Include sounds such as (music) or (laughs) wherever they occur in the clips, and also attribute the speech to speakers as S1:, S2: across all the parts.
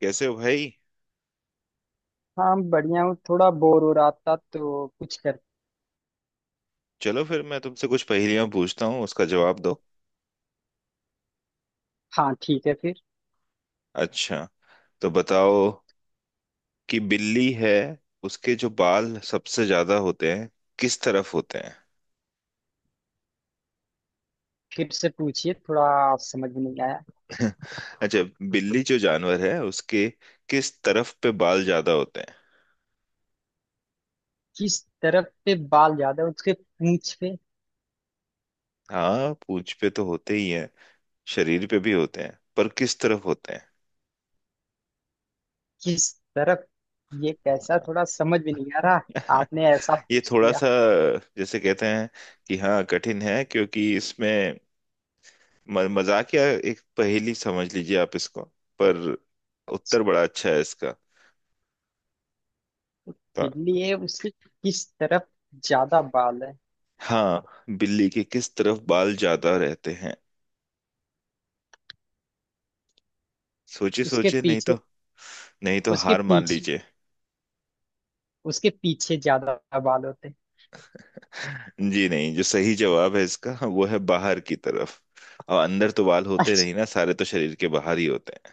S1: कैसे हो भाई।
S2: हाँ बढ़िया हूँ। थोड़ा बोर हो रहा था तो कुछ कर।
S1: चलो फिर मैं तुमसे कुछ पहेलियां पूछता हूँ, उसका जवाब दो।
S2: हाँ ठीक है फिर।
S1: अच्छा, तो बताओ कि बिल्ली है, उसके जो बाल सबसे ज्यादा होते हैं किस तरफ होते हैं?
S2: फिर से पूछिए, थोड़ा समझ में नहीं आया।
S1: (laughs) अच्छा, बिल्ली जो जानवर है उसके किस तरफ पे बाल ज्यादा होते हैं?
S2: किस तरफ पे बाल ज्यादा है, उसके पूंछ पे।
S1: हाँ, पूंछ पे तो होते ही हैं, शरीर पे भी होते हैं, पर किस तरफ होते
S2: किस तरफ, ये कैसा, थोड़ा समझ में नहीं आ रहा।
S1: हैं?
S2: आपने ऐसा
S1: (laughs) ये
S2: पूछ
S1: थोड़ा
S2: दिया।
S1: सा जैसे कहते हैं कि हाँ कठिन है, क्योंकि इसमें मजाक या एक पहेली समझ लीजिए आप इसको, पर उत्तर बड़ा अच्छा है इसका। तो,
S2: बिल्ली है उसके किस तरफ ज्यादा बाल है।
S1: हाँ, बिल्ली के किस तरफ बाल ज्यादा रहते हैं? सोचिए
S2: उसके
S1: सोचिए, नहीं
S2: पीछे।
S1: तो, नहीं तो
S2: उसके
S1: हार मान
S2: पीछे।
S1: लीजिए।
S2: उसके पीछे ज्यादा बाल होते हैं।
S1: (laughs) जी नहीं, जो सही जवाब है इसका वो है बाहर की तरफ। और अंदर तो बाल होते
S2: अच्छा।
S1: नहीं ना, सारे तो शरीर के बाहर ही होते हैं।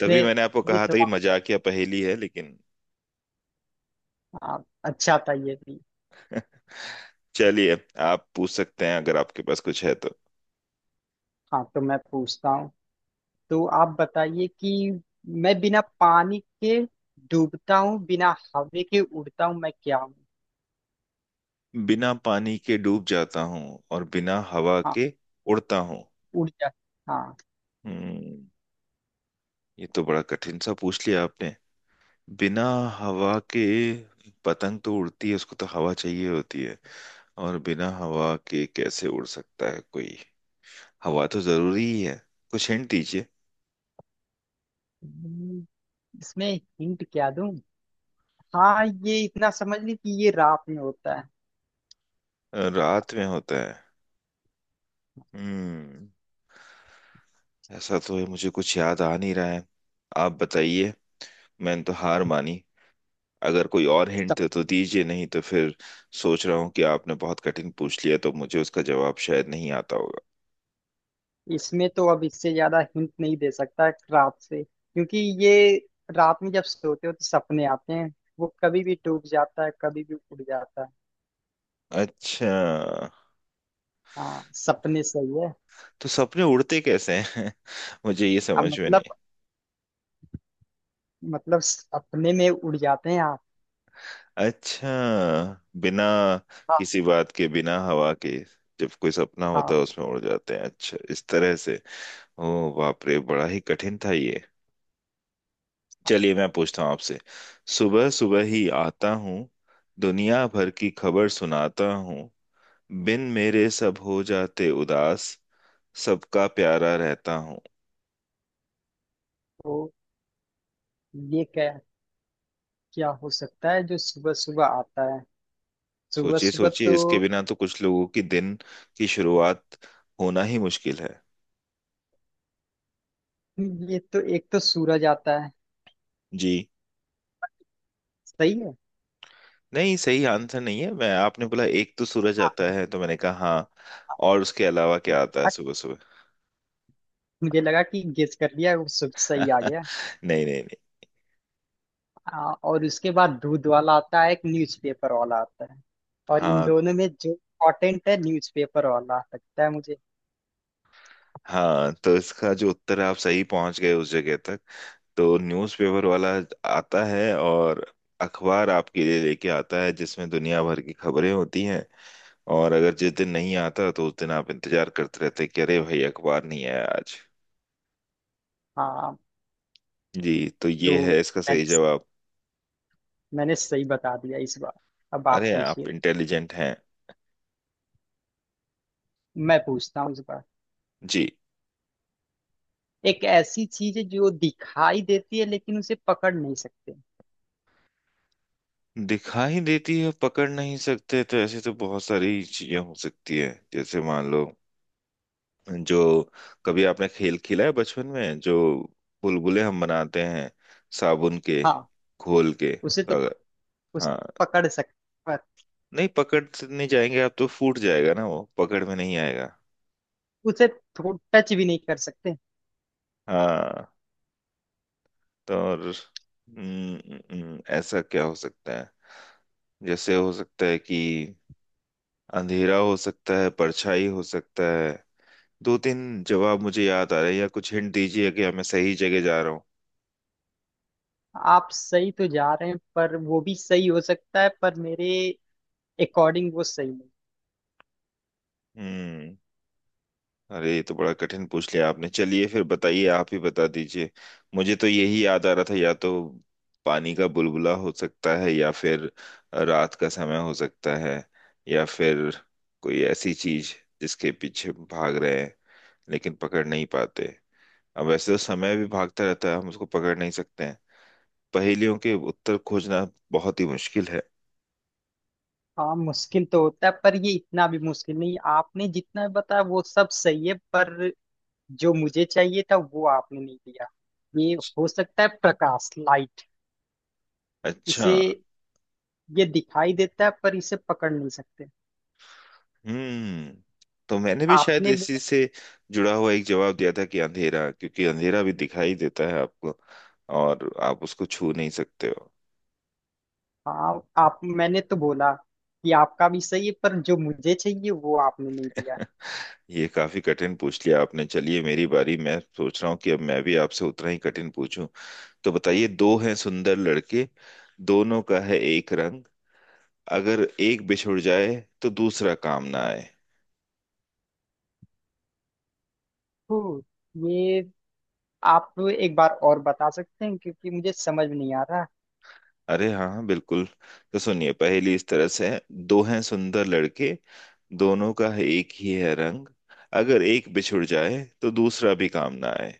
S1: तभी मैंने आपको
S2: ये
S1: कहा था कि
S2: थोड़ा।
S1: मजाकिया पहेली है लेकिन।
S2: हाँ, अच्छा था ये भी।
S1: चलिए, आप पूछ सकते हैं अगर आपके पास कुछ है तो।
S2: हाँ तो मैं पूछता हूँ। तो आप बताइए कि मैं बिना पानी के डूबता हूँ, बिना हवा के उड़ता हूँ, मैं क्या हूँ।
S1: बिना पानी के डूब जाता हूँ और बिना हवा
S2: हाँ।
S1: के उड़ता हूँ।
S2: उड़ जा। हाँ।
S1: हम्म, ये तो बड़ा कठिन सा पूछ लिया आपने। बिना हवा के, पतंग तो उड़ती है, उसको तो हवा चाहिए होती है। और बिना हवा के कैसे उड़ सकता है कोई, हवा तो जरूरी ही है। कुछ हिंट दीजिए।
S2: हम्म, इसमें हिंट क्या दूँ। हाँ ये इतना समझ ली कि ये रात में होता
S1: रात में होता है। हम्म, ऐसा तो है, मुझे कुछ याद आ नहीं रहा है। आप बताइए, मैंने तो हार मानी। अगर कोई और हिंट
S2: है।
S1: दे तो दीजिए, नहीं तो फिर सोच रहा हूँ कि आपने बहुत कठिन पूछ लिया, तो मुझे उसका जवाब शायद नहीं आता होगा।
S2: इसमें तो अब इससे ज्यादा हिंट नहीं दे सकता रात से क्योंकि ये रात में जब सोते हो तो सपने आते हैं। वो कभी भी डूब जाता है, कभी भी उड़ जाता है।
S1: अच्छा,
S2: हाँ सपने सही है।
S1: तो सपने उड़ते कैसे हैं? (laughs) मुझे ये
S2: अब
S1: समझ में
S2: मतलब,
S1: नहीं।
S2: मतलब सपने में उड़ जाते हैं आप।
S1: अच्छा, बिना
S2: हाँ।
S1: किसी बात के, बिना हवा के, जब कोई सपना होता
S2: हाँ
S1: है उसमें उड़ जाते हैं, अच्छा इस तरह से। ओ बाप रे, बड़ा ही कठिन था ये। चलिए, मैं पूछता हूँ आपसे। सुबह सुबह ही आता हूँ, दुनिया भर की खबर सुनाता हूँ, बिन मेरे सब हो जाते उदास, सबका प्यारा रहता हूँ।
S2: तो ये क्या, क्या हो सकता है जो सुबह सुबह आता है। सुबह
S1: सोचिए
S2: सुबह
S1: सोचिए, इसके
S2: तो
S1: बिना तो कुछ लोगों की दिन की शुरुआत होना ही मुश्किल है।
S2: ये तो एक तो सूरज आता है।
S1: जी,
S2: सही है।
S1: नहीं सही आंसर नहीं है। मैं, आपने बोला एक तो सूरज आता है, तो मैंने कहा हाँ, और उसके अलावा क्या आता है
S2: अ,
S1: सुबह सुबह?
S2: मुझे लगा कि गेस कर लिया, वो सब सही आ गया।
S1: (laughs) नहीं नहीं नहीं।
S2: हाँ और उसके बाद दूध वाला आता है, एक न्यूज़पेपर वाला आता है। और इन
S1: हाँ,
S2: दोनों में जो इम्पोर्टेंट है न्यूज़पेपर वाला लगता है मुझे।
S1: हाँ, तो इसका जो उत्तर है, आप सही पहुंच गए उस जगह तक। तो न्यूज़पेपर वाला आता है और अखबार आपके लिए लेके आता है, जिसमें दुनिया भर की खबरें होती हैं। और अगर जिस दिन नहीं आता तो उस दिन आप इंतजार करते रहते कि अरे भाई अखबार नहीं आया आज।
S2: हाँ
S1: जी, तो
S2: तो
S1: ये है इसका
S2: मैंने
S1: सही जवाब।
S2: मैंने सही बता दिया इस बार। अब आप
S1: अरे, आप
S2: पूछिए।
S1: इंटेलिजेंट हैं।
S2: मैं पूछता हूँ इस बार।
S1: जी,
S2: एक ऐसी चीज है जो दिखाई देती है लेकिन उसे पकड़ नहीं सकते।
S1: दिखाई देती है, पकड़ नहीं सकते, तो ऐसी तो बहुत सारी चीजें हो सकती है जैसे मान लो, जो कभी आपने खेल खेला है बचपन में, जो बुलबुले हम बनाते हैं, साबुन के
S2: हाँ
S1: घोल के,
S2: उसे
S1: तो
S2: तो
S1: अगर।
S2: उस
S1: हाँ,
S2: पकड़ सकते, पर
S1: नहीं पकड़ से नहीं जाएंगे आप, तो फूट जाएगा ना, वो पकड़ में नहीं आएगा।
S2: उसे टच भी नहीं कर सकते।
S1: हाँ, तो और ऐसा क्या हो सकता है? जैसे हो सकता है कि अंधेरा हो सकता है, परछाई हो सकता है, दो तीन जवाब मुझे याद आ रहे हैं। या कुछ हिंट दीजिए कि मैं सही जगह जा रहा हूँ।
S2: आप सही तो जा रहे हैं पर वो भी सही हो सकता है, पर मेरे अकॉर्डिंग वो सही नहीं।
S1: हम्म, अरे ये तो बड़ा कठिन पूछ लिया आपने, चलिए फिर बताइए, आप ही बता दीजिए। मुझे तो यही याद आ रहा था, या तो पानी का बुलबुला हो सकता है, या फिर रात का समय हो सकता है, या फिर कोई ऐसी चीज जिसके पीछे भाग रहे हैं लेकिन पकड़ नहीं पाते। अब वैसे तो समय भी भागता रहता है, हम उसको पकड़ नहीं सकते हैं। पहेलियों के उत्तर खोजना बहुत ही मुश्किल है।
S2: हाँ मुश्किल तो होता है पर ये इतना भी मुश्किल नहीं, आपने जितना बताया वो सब सही है पर जो मुझे चाहिए था वो आपने नहीं दिया। ये हो सकता है प्रकाश, लाइट।
S1: अच्छा,
S2: इसे, ये दिखाई देता है पर इसे पकड़ नहीं सकते।
S1: हम्म, तो मैंने भी शायद
S2: आपने
S1: इसी
S2: बोला।
S1: से जुड़ा हुआ एक जवाब दिया था कि अंधेरा, क्योंकि अंधेरा भी दिखाई देता है आपको और आप उसको छू नहीं सकते हो।
S2: हाँ आप, मैंने तो बोला कि आपका भी सही है पर जो मुझे चाहिए वो आपने नहीं दिया।
S1: (laughs) ये काफी कठिन पूछ लिया आपने। चलिए, मेरी बारी, मैं सोच रहा हूँ कि अब मैं भी आपसे उतना ही कठिन पूछूं। तो बताइए, दो हैं सुंदर लड़के, दोनों का है एक रंग, अगर एक बिछुड़ जाए तो दूसरा काम ना आए।
S2: तो ये, आप एक बार और बता सकते हैं क्योंकि मुझे समझ नहीं आ रहा।
S1: अरे हाँ हाँ, बिल्कुल। तो सुनिए, पहेली इस तरह से है, दो हैं सुंदर लड़के, दोनों का है एक ही है रंग, अगर एक बिछुड़ जाए तो दूसरा भी काम ना आए।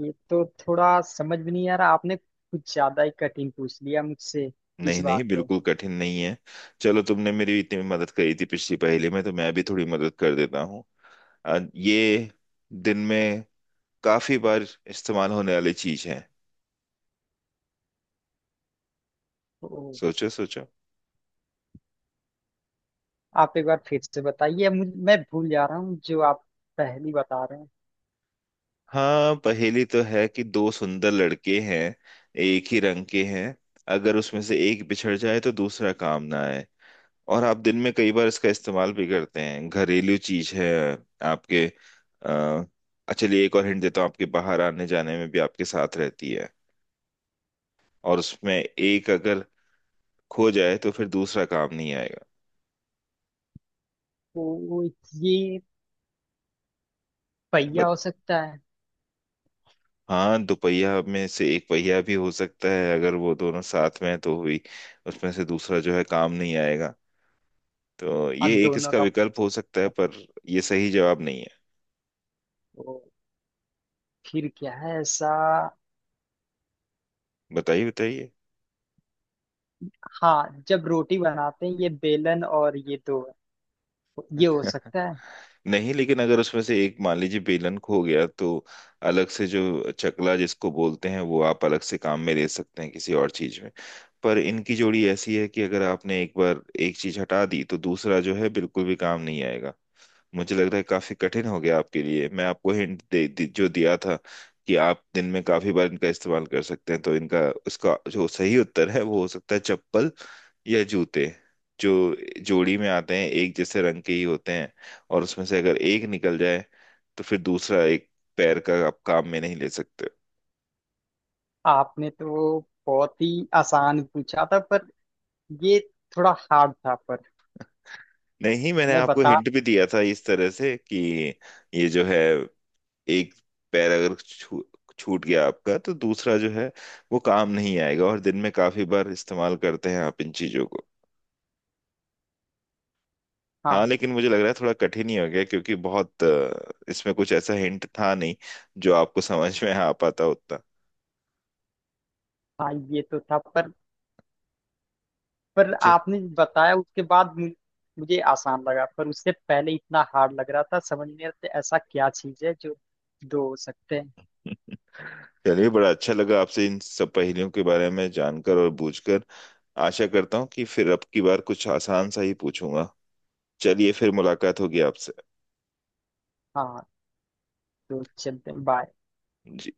S2: ये तो थोड़ा समझ भी नहीं आ रहा, आपने कुछ ज्यादा ही कठिन पूछ लिया मुझसे इस
S1: नहीं
S2: बार
S1: नहीं,
S2: तो।
S1: बिल्कुल कठिन नहीं है। चलो, तुमने मेरी इतनी मदद करी थी पिछली पहेली में, तो मैं भी थोड़ी मदद कर देता हूँ। ये दिन में काफी बार इस्तेमाल होने वाली चीज है।
S2: ओ,
S1: सोचो सोचो।
S2: आप एक बार फिर से बताइए, मुझ- मैं भूल जा रहा हूँ जो आप पहली बता रहे हैं।
S1: हाँ, पहेली तो है कि दो सुंदर लड़के हैं, एक ही रंग के हैं, अगर उसमें से एक बिछड़ जाए तो दूसरा काम ना आए। और आप दिन में कई बार इसका इस्तेमाल भी करते हैं, घरेलू चीज है आपके। अ, चलिए एक और हिंट देता हूँ, आपके बाहर आने जाने में भी आपके साथ रहती है, और उसमें एक अगर खो जाए तो फिर दूसरा काम नहीं आएगा।
S2: ओ, ये पहिया
S1: बट
S2: हो सकता है।
S1: हाँ, दोपहिया में से एक पहिया भी हो सकता है, अगर वो दोनों साथ में हैं तो हुई, उसमें से दूसरा जो है काम नहीं आएगा। तो
S2: हाँ
S1: ये एक
S2: दोनों
S1: इसका
S2: का
S1: विकल्प हो सकता है,
S2: पहिया।
S1: पर ये सही जवाब नहीं है।
S2: ओ, फिर क्या है ऐसा।
S1: बताइए बताइए।
S2: हाँ जब रोटी बनाते हैं ये बेलन और ये दो है। ये हो
S1: (laughs)
S2: सकता है।
S1: नहीं, लेकिन अगर उसमें से एक मान लीजिए बेलन खो गया, तो अलग से जो चकला जिसको बोलते हैं, वो आप अलग से काम में ले सकते हैं किसी और चीज में। पर इनकी जोड़ी ऐसी है कि अगर आपने एक बार एक चीज हटा दी, तो दूसरा जो है बिल्कुल भी काम नहीं आएगा। मुझे लग रहा है काफी कठिन हो गया आपके लिए। मैं आपको हिंट दे जो दिया था कि आप दिन में काफी बार इनका इस्तेमाल कर सकते हैं, तो इनका, उसका जो सही उत्तर है, वो हो सकता है चप्पल या जूते, जो जोड़ी में आते हैं, एक जैसे रंग के ही होते हैं, और उसमें से अगर एक निकल जाए तो फिर दूसरा एक पैर का आप काम में नहीं ले सकते।
S2: आपने तो बहुत ही आसान पूछा था पर ये थोड़ा हार्ड था पर
S1: नहीं, मैंने
S2: मैं
S1: आपको
S2: बता।
S1: हिंट भी दिया था इस तरह से कि ये जो है, एक पैर अगर छूट गया आपका, तो दूसरा जो है वो काम नहीं आएगा। और दिन में काफी बार इस्तेमाल करते हैं आप इन चीजों को। हाँ,
S2: हाँ।
S1: लेकिन मुझे लग रहा है थोड़ा कठिन ही हो गया, क्योंकि बहुत इसमें कुछ ऐसा हिंट था नहीं जो आपको समझ में आ पाता उतना।
S2: हाँ ये तो था पर
S1: जी।
S2: आपने बताया उसके बाद मु- मुझे आसान लगा, पर उससे पहले इतना हार्ड लग रहा था। समझ नहीं आता ऐसा क्या चीज है जो दो हो सकते हैं।
S1: चलिए, बड़ा अच्छा लगा आपसे इन सब पहेलियों के बारे में जानकर और बूझकर। आशा करता हूँ कि फिर अब की बार कुछ आसान सा ही पूछूंगा। चलिए, फिर मुलाकात होगी आपसे।
S2: हाँ तो चलते हैं, बाय।
S1: जी।